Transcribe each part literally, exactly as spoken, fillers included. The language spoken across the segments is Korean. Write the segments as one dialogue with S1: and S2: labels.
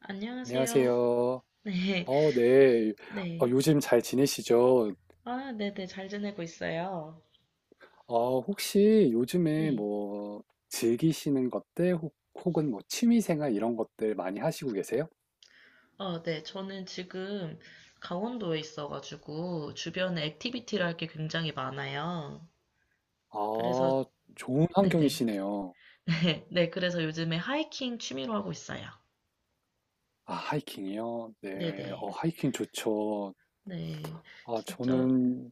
S1: 안녕하세요.
S2: 안녕하세요.
S1: 네,
S2: 어, 네. 어,
S1: 네.
S2: 요즘 잘 지내시죠?
S1: 아, 네네, 잘 지내고 있어요.
S2: 어, 혹시 요즘에
S1: 네.
S2: 뭐 즐기시는 것들 혹, 혹은 뭐 취미생활 이런 것들 많이 하시고 계세요?
S1: 어, 네. 저는 지금 강원도에 있어가지고 주변에 액티비티를 할 게 굉장히 많아요. 그래서,
S2: 아, 좋은
S1: 네네.
S2: 환경이시네요.
S1: 네, 그래서 요즘에 하이킹 취미로 하고 있어요.
S2: 아, 하이킹이요?
S1: 네네.
S2: 네. 어,
S1: 네,
S2: 하이킹 좋죠.
S1: 네,
S2: 아,
S1: 진짜,
S2: 저는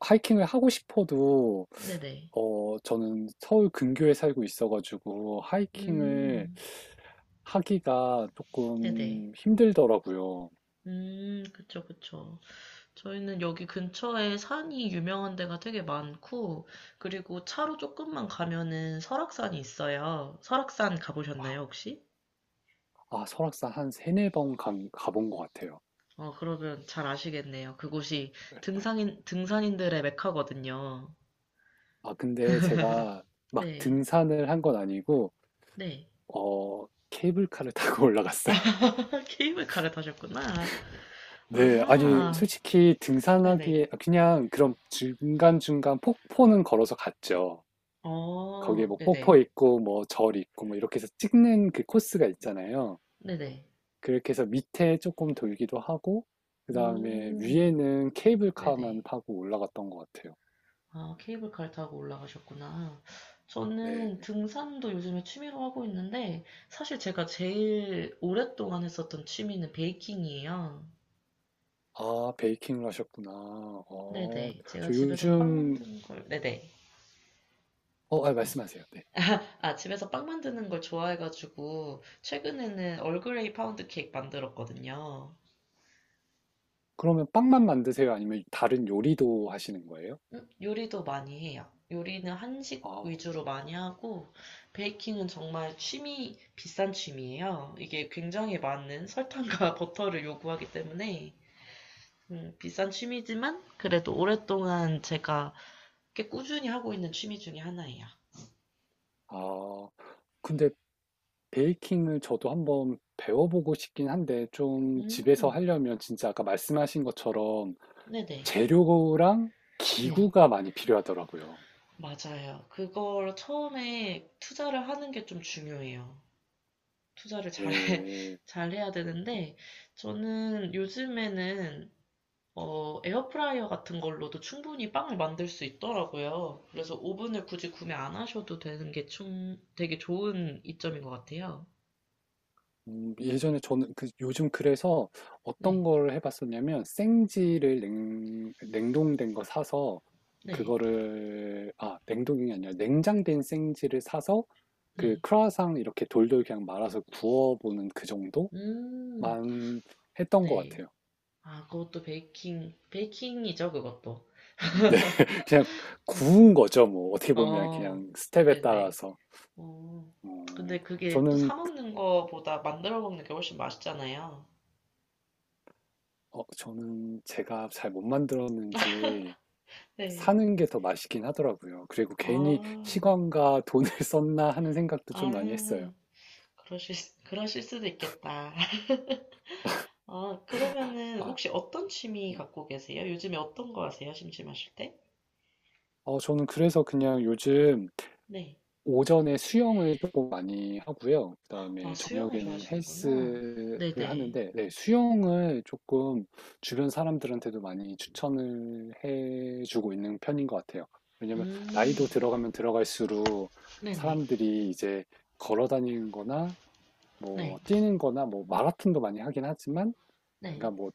S2: 하이킹을 하고 싶어도,
S1: 네네.
S2: 어, 저는 서울 근교에 살고 있어가지고, 하이킹을
S1: 음,
S2: 하기가
S1: 네네.
S2: 조금 힘들더라고요.
S1: 음, 그쵸, 그쵸. 저희는 여기 근처에 산이 유명한 데가 되게 많고, 그리고 차로 조금만 가면은 설악산이 있어요. 설악산 가보셨나요, 혹시?
S2: 아, 설악산 한 세네 번 간- 가본 것 같아요.
S1: 어, 그러면 잘 아시겠네요. 그곳이
S2: 네, 네.
S1: 등산인, 등산인들의 메카거든요.
S2: 아, 근데 제가 막
S1: 네,
S2: 등산을 한 건 아니고
S1: 네.
S2: 어 케이블카를 타고 올라갔어요.
S1: 게임을 갈아타셨구나.
S2: 네, 아니
S1: 아,
S2: 솔직히
S1: 네네.
S2: 등산하기에 아, 그냥 그런 중간중간 폭포는 걸어서 갔죠. 거기에
S1: 어,
S2: 뭐 폭포
S1: 네네.
S2: 있고 뭐 절 있고 뭐 이렇게 해서 찍는 그 코스가 있잖아요.
S1: 네네.
S2: 그렇게 해서 밑에 조금 돌기도 하고 그다음에
S1: 음,
S2: 위에는 케이블카만
S1: 네네.
S2: 타고 올라갔던 것 같아요.
S1: 아, 케이블카를 타고 올라가셨구나.
S2: 네.
S1: 저는 등산도 요즘에 취미로 하고 있는데, 사실 제가 제일 오랫동안 했었던 취미는 베이킹이에요.
S2: 아, 베이킹을 하셨구나. 어,
S1: 네네. 제가
S2: 저
S1: 집에서 빵
S2: 요즘,
S1: 만드는 걸, 네네.
S2: 어, 아,
S1: 네.
S2: 말씀하세요. 네.
S1: 아, 집에서 빵 만드는 걸 좋아해가지고, 최근에는 얼그레이 파운드 케이크 만들었거든요.
S2: 그러면 빵만 만드세요? 아니면 다른 요리도 하시는 거예요?
S1: 음, 요리도 많이 해요. 요리는 한식
S2: 아,
S1: 위주로 많이 하고, 베이킹은 정말 취미, 비싼 취미예요. 이게 굉장히 많은 설탕과 버터를 요구하기 때문에, 음, 비싼 취미지만, 그래도 오랫동안 제가 꽤 꾸준히 하고 있는 취미 중에 하나예요.
S2: 아, 근데 베이킹을 저도 한번 배워보고 싶긴 한데, 좀 집에서
S1: 음,
S2: 하려면 진짜 아까 말씀하신 것처럼
S1: 네네.
S2: 재료랑
S1: 네.
S2: 기구가 많이 필요하더라고요.
S1: 맞아요. 그걸 처음에 투자를 하는 게 좀 중요해요. 투자를 잘,
S2: 네.
S1: 잘 해야 되는데, 저는 요즘에는 어, 에어프라이어 같은 걸로도 충분히 빵을 만들 수 있더라고요. 그래서 오븐을 굳이 구매 안 하셔도 되는 게 충, 되게 좋은 이점인 것 같아요.
S2: 음, 예전에 저는 그 요즘 그래서
S1: 네,
S2: 어떤 걸 해봤었냐면 생지를 냉, 냉동된 거 사서
S1: 네,
S2: 그거를 아, 냉동이 아니라 냉장된 생지를 사서 그
S1: 네.
S2: 크라상 이렇게 돌돌 그냥 말아서 구워보는 그 정도만
S1: 음,
S2: 했던 것
S1: 네.
S2: 같아요.
S1: 아, 그것도 베이킹, 베이킹이죠, 그것도.
S2: 네, 그냥
S1: 네.
S2: 구운 거죠. 뭐 어떻게 보면
S1: 어,
S2: 그냥 스텝에
S1: 네네.
S2: 따라서.
S1: 어,
S2: 어,
S1: 근데 그게 또
S2: 저는
S1: 사 먹는 거보다 만들어 먹는 게 훨씬 맛있잖아요.
S2: 어, 저는 제가 잘 못 만들었는지
S1: 네.
S2: 사는 게 더 맛있긴 하더라고요. 그리고 괜히
S1: 아,
S2: 시간과 돈을 썼나 하는 생각도 좀 많이 했어요.
S1: 아, 그러실, 수- 그러실 수도 있겠다. 아, 그러면은
S2: 아,
S1: 혹시 어떤 취미
S2: 네.
S1: 갖고 계세요? 요즘에 어떤 거 하세요? 심심하실 때?
S2: 어, 저는 그래서 그냥 요즘
S1: 네.
S2: 오전에 수영을 조금 많이 하고요.
S1: 아,
S2: 그다음에
S1: 수영을
S2: 저녁에는
S1: 좋아하시는구나.
S2: 헬스를
S1: 네네.
S2: 하는데, 네, 수영을 조금 주변 사람들한테도 많이 추천을 해주고 있는 편인 것 같아요. 왜냐면
S1: 음,
S2: 나이도 들어가면 들어갈수록
S1: 네네.
S2: 사람들이 이제 걸어 다니는 거나 뭐
S1: 네.
S2: 뛰는 거나 뭐 마라톤도 많이 하긴 하지만,
S1: 네.
S2: 그러니까 뭐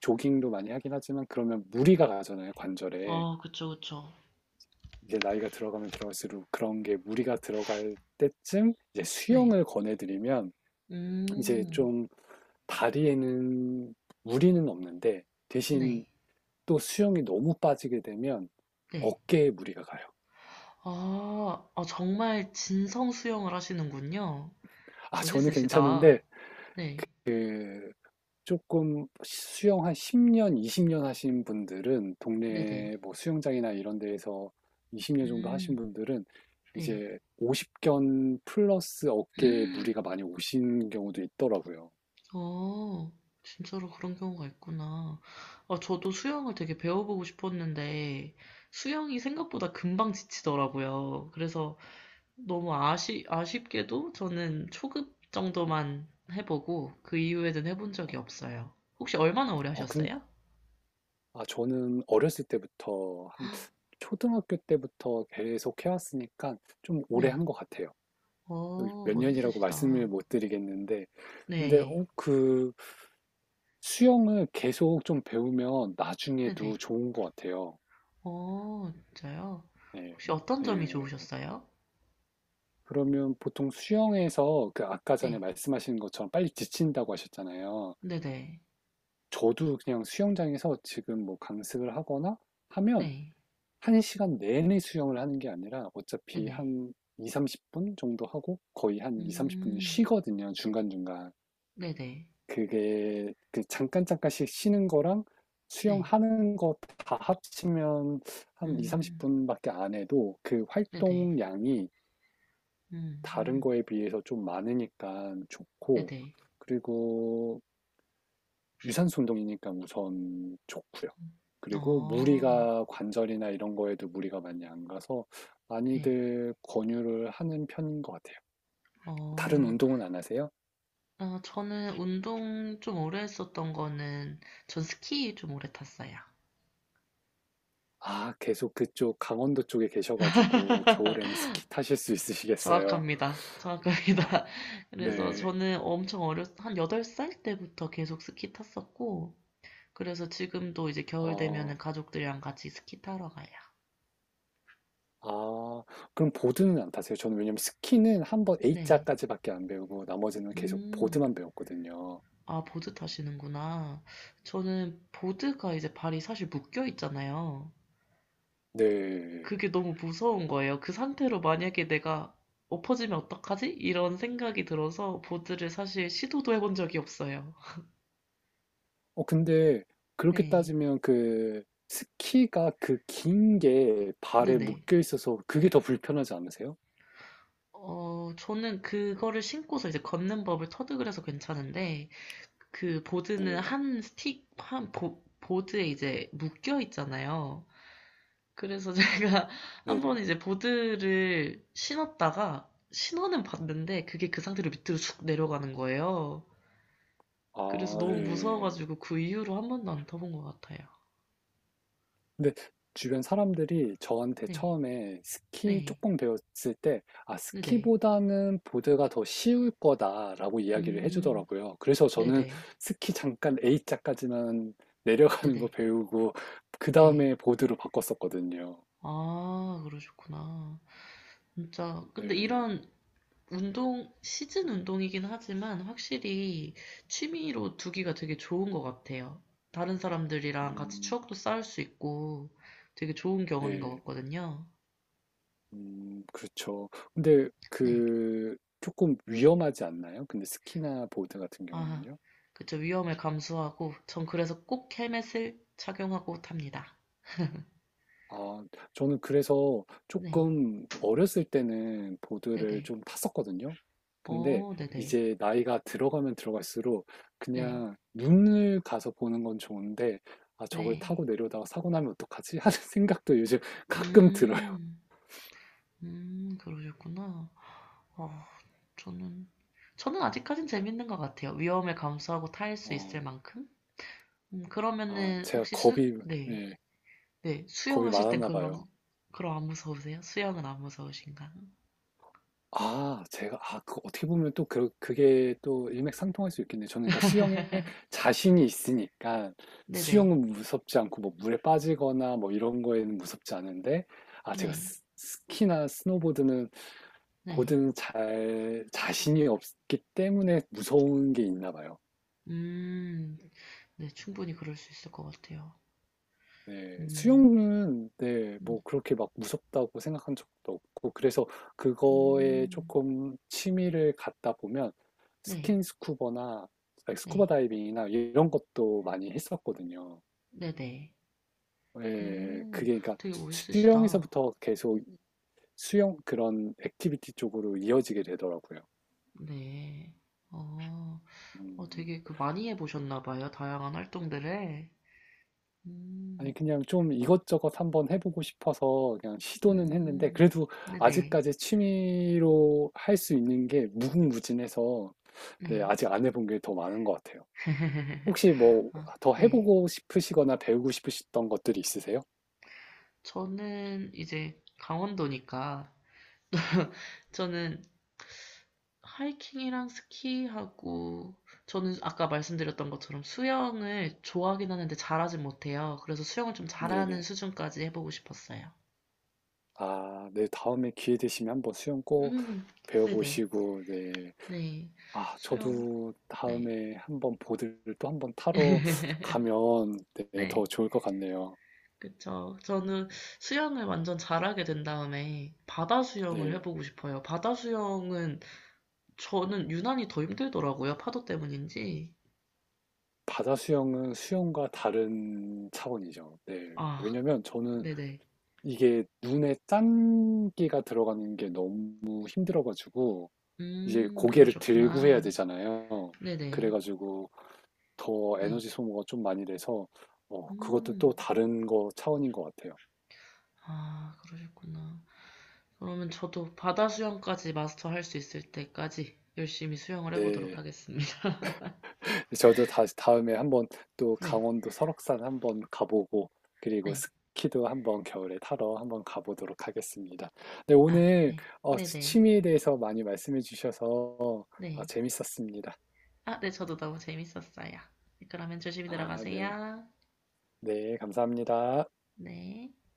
S2: 조깅도 많이 하긴 하지만, 그러면 무리가 가잖아요, 관절에.
S1: 아, 그쵸, 그쵸.
S2: 이제 나이가 들어가면 들어갈수록 그런 게 무리가 들어갈 때쯤 이제
S1: 네.
S2: 수영을 권해드리면 이제
S1: 음,
S2: 좀 다리에는 무리는 없는데
S1: 네.
S2: 대신 또 수영이 너무 빠지게 되면
S1: 네.
S2: 어깨에 무리가 가요.
S1: 아, 아, 정말 진성 수영을 하시는군요.
S2: 아, 저는
S1: 멋있으시다.
S2: 괜찮은데
S1: 네.
S2: 그 조금 수영 한 십 년, 이십 년 하신 분들은
S1: 네네.
S2: 동네 뭐 수영장이나 이런 데에서 이십 년 정도 하신
S1: 음,
S2: 분들은
S1: 네.
S2: 이제 오십견 플러스 어깨에 무리가 많이 오신 경우도 있더라고요.
S1: 어 진짜로 그런 경우가 있구나. 아, 저도 수영을 되게 배워보고 싶었는데, 수영이 생각보다 금방 지치더라고요. 그래서 너무 아시, 아쉽게도 저는 초급 정도만 해보고, 그 이후에는 해본 적이 없어요. 혹시 얼마나 오래
S2: 아, 근
S1: 하셨어요?
S2: 아, 저는 어렸을 때부터 한 초등학교 때부터 계속 해왔으니까 좀 오래
S1: 네.
S2: 한 것 같아요. 그
S1: 어,
S2: 몇 년이라고 말씀을
S1: 멋있으시다.
S2: 못 드리겠는데, 근데
S1: 네.
S2: 어, 그 수영을 계속 좀 배우면
S1: 네네.
S2: 나중에도 좋은 것 같아요.
S1: 어, 진짜요?
S2: 네.
S1: 혹시 어떤 점이
S2: 네.
S1: 좋으셨어요?
S2: 그러면 보통 수영에서 그 아까 전에
S1: 네.
S2: 말씀하신 것처럼 빨리 지친다고 하셨잖아요.
S1: 네네.
S2: 저도 그냥 수영장에서 지금 뭐 강습을 하거나 하면
S1: 네.
S2: 한 시간 내내 수영을 하는 게 아니라 어차피
S1: 네네.
S2: 한 이, 삼십 분 정도 하고 거의 한 이, 삼십 분은
S1: 음,
S2: 쉬거든요. 중간중간.
S1: 네네.
S2: 그게 그 잠깐 잠깐씩 쉬는 거랑
S1: 네.
S2: 수영하는 거 다 합치면 한 이,
S1: 음.
S2: 삼십 분밖에 안 해도 그
S1: 네네.
S2: 활동량이
S1: 음
S2: 다른
S1: 음.
S2: 거에 비해서 좀 많으니까 좋고,
S1: 네네.
S2: 그리고 유산소 운동이니까 우선 좋고요.
S1: 음.
S2: 그리고
S1: 어.
S2: 무리가 관절이나 이런 거에도 무리가 많이 안 가서
S1: 네.
S2: 많이들 권유를 하는 편인 것 같아요. 다른
S1: 어.
S2: 운동은 안 하세요?
S1: 아 저는 운동 좀 오래 했었던 거는 전 스키 좀 오래 탔어요.
S2: 아, 계속 그쪽 강원도 쪽에 계셔가지고 겨울에는 스키 타실 수 있으시겠어요.
S1: 정확합니다.
S2: 아,
S1: 정확합니다. 그래서
S2: 네.
S1: 저는 엄청 어렸 한 여덟 살 때부터 계속 스키 탔었고 그래서 지금도 이제 겨울
S2: 아,
S1: 되면은 가족들이랑 같이 스키 타러 가요.
S2: 아 그럼 보드는 안 타세요? 저는 왜냐면 스키는 한번
S1: 네.
S2: A자까지밖에 안 배우고 나머지는 계속
S1: 음.
S2: 보드만 배웠거든요.
S1: 아, 보드 타시는구나. 저는 보드가 이제 발이 사실 묶여 있잖아요.
S2: 네.
S1: 그게 너무 무서운 거예요. 그 상태로 만약에 내가 엎어지면 어떡하지? 이런 생각이 들어서 보드를 사실 시도도 해본 적이 없어요.
S2: 어 근데 그렇게
S1: 네.
S2: 따지면 그 스키가 그 긴게 발에
S1: 네네.
S2: 묶여 있어서 그게 더 불편하지 않으세요?
S1: 어, 저는 그거를 신고서 이제 걷는 법을 터득을 해서 괜찮은데, 그 보드는
S2: 네.
S1: 한 스틱, 한 보, 보드에 이제 묶여 있잖아요. 그래서 제가 한번
S2: 네네.
S1: 이제 보드를 신었다가 신호는 봤는데 그게 그 상태로 밑으로 쑥 내려가는 거예요. 그래서
S2: 아,
S1: 너무
S2: 네.
S1: 무서워가지고 그 이후로 한 번도 안 타본 것 같아요.
S2: 근데 주변 사람들이 저한테
S1: 네,
S2: 처음에 스키
S1: 네,
S2: 조금 배웠을 때, 아,
S1: 네네,
S2: 스키보다는 보드가 더 쉬울 거다라고 이야기를
S1: 음,
S2: 해주더라고요. 그래서 저는
S1: 네네,
S2: 스키 잠깐 A자까지만
S1: 네네,
S2: 내려가는
S1: 네.
S2: 거
S1: 네,
S2: 배우고, 그
S1: 네.
S2: 다음에 보드로 바꿨었거든요.
S1: 아, 그러셨구나. 진짜.
S2: 네,
S1: 근데 이런 운동, 시즌 운동이긴 하지만 확실히 취미로 두기가 되게 좋은 것 같아요. 다른 사람들이랑 같이
S2: 음,
S1: 추억도 쌓을 수 있고 되게 좋은 경험인 것
S2: 네,
S1: 같거든요.
S2: 음, 그렇죠. 근데
S1: 네.
S2: 그, 조금 위험하지 않나요? 근데 스키나 보드 같은
S1: 아,
S2: 경우는요?
S1: 그쵸. 위험을 감수하고 전 그래서 꼭 헬멧을 착용하고 탑니다.
S2: 아, 저는 그래서
S1: 네.
S2: 조금 어렸을 때는 보드를
S1: 네네.
S2: 좀 탔었거든요. 근데
S1: 어, 네네.
S2: 이제 나이가 들어가면 들어갈수록
S1: 네.
S2: 그냥 눈을 가서 보는 건 좋은데, 아, 저걸 타고
S1: 네.
S2: 내려다가 사고 나면 어떡하지? 하는 생각도 요즘 가끔 들어요.
S1: 음, 음, 그러셨구나. 어, 저는, 저는 아직까진 재밌는 것 같아요. 위험을 감수하고 탈 수
S2: 어,
S1: 있을 만큼? 음,
S2: 아,
S1: 그러면은,
S2: 제가
S1: 혹시 수,
S2: 겁이,
S1: 네,
S2: 예,
S1: 네,
S2: 겁이
S1: 수영하실 땐
S2: 많았나
S1: 그럼,
S2: 봐요.
S1: 그럼 안 무서우세요? 수영은 안 무서우신가요?
S2: 아 제가 아 그 어떻게 보면 또 그 그게 또 일맥상통할 수 있겠네요. 저는 그러니까 수영에 자신이 있으니까
S1: 네네,
S2: 수영은 무섭지 않고 뭐 물에 빠지거나 뭐 이런 거에는 무섭지 않은데 아 제가
S1: 네,
S2: 스 스키나 스노보드는
S1: 네.
S2: 보드는 잘 자신이 없기 때문에 무서운 게 있나 봐요.
S1: 음, 네, 충분히 그럴 수 있을 것 같아요.
S2: 네,
S1: 음,
S2: 수영은 네,
S1: 음,
S2: 뭐 그렇게 막 무섭다고 생각한 적도 없고 그래서 그거에
S1: 음,
S2: 조금 취미를 갖다 보면
S1: 네,
S2: 스킨 스쿠버나 아니, 스쿠버
S1: 네,
S2: 다이빙이나 이런 것도 많이 했었거든요.
S1: 네네.
S2: 예,
S1: 음,
S2: 그게 그러니까
S1: 되게 멋있으시다.
S2: 수영에서부터 계속 수영 그런 액티비티 쪽으로 이어지게 되더라고요.
S1: 네, 어. 어,
S2: 음.
S1: 되게 그 많이 해보셨나 봐요. 다양한 활동들을.
S2: 아니
S1: 음,
S2: 그냥 좀 이것저것 한번 해보고 싶어서 그냥 시도는 했는데
S1: 음,
S2: 그래도
S1: 네네,
S2: 아직까지 취미로 할 수 있는 게 무궁무진해서, 네,
S1: 네.
S2: 아직 안 해본 게 더 많은 것 같아요. 혹시 뭐
S1: 아,
S2: 더
S1: 네.
S2: 해보고 싶으시거나 배우고 싶으셨던 것들이 있으세요?
S1: 저는 이제 강원도니까
S2: 네,
S1: 저는 하이킹이랑 스키하고 저는 아까 말씀드렸던 것처럼 수영을 좋아하긴 하는데 잘하진 못해요. 그래서 수영을 좀 잘하는
S2: 네네.
S1: 수준까지 해보고 싶었어요.
S2: 아, 네, 다음에 기회 되시면 한번 수영 꼭
S1: 음, 네네,
S2: 배워보시고, 네.
S1: 네.
S2: 아,
S1: 수영,
S2: 저도
S1: 네,
S2: 다음에 한번 보드를 또 한번 타러 가면, 네, 더
S1: 네.
S2: 좋을 것 같네요.
S1: 그쵸. 저는 수영을 완전 잘하게 된 다음에 바다 수영을
S2: 네.
S1: 해보고 싶어요. 바다 수영은 저는 유난히 더 힘들더라고요. 파도 때문인지.
S2: 바다 수영은 수영과 다른 차원이죠. 네.
S1: 아,
S2: 왜냐면 저는
S1: 네네.
S2: 이게 눈에 짠기가 들어가는 게 너무 힘들어가지고 이제
S1: 음,
S2: 고개를 들고 해야
S1: 그러셨구나.
S2: 되잖아요.
S1: 네네.
S2: 그래가지고 더
S1: 네.
S2: 에너지 소모가 좀 많이 돼서 어, 그것도 또
S1: 음,
S2: 다른 거 차원인 것 같아요.
S1: 아, 그러셨구나. 그러면 저도 바다 수영까지 마스터할 수 있을 때까지 열심히 수영을 해보도록
S2: 네.
S1: 하겠습니다.
S2: 저도 다시 다음에 한번 또
S1: 네,
S2: 강원도 설악산 한번 가보고 그리고
S1: 네.
S2: 스키도 한번 겨울에 타러 한번 가보도록 하겠습니다. 네,
S1: 아,
S2: 오늘
S1: 네.
S2: 어,
S1: 네네.
S2: 취미에 대해서 많이 말씀해 주셔서 어,
S1: 네.
S2: 재밌었습니다.
S1: 아, 네. 저도 너무 재밌었어요. 그러면 조심히
S2: 아, 네.
S1: 들어가세요.
S2: 네, 감사합니다.
S1: 네.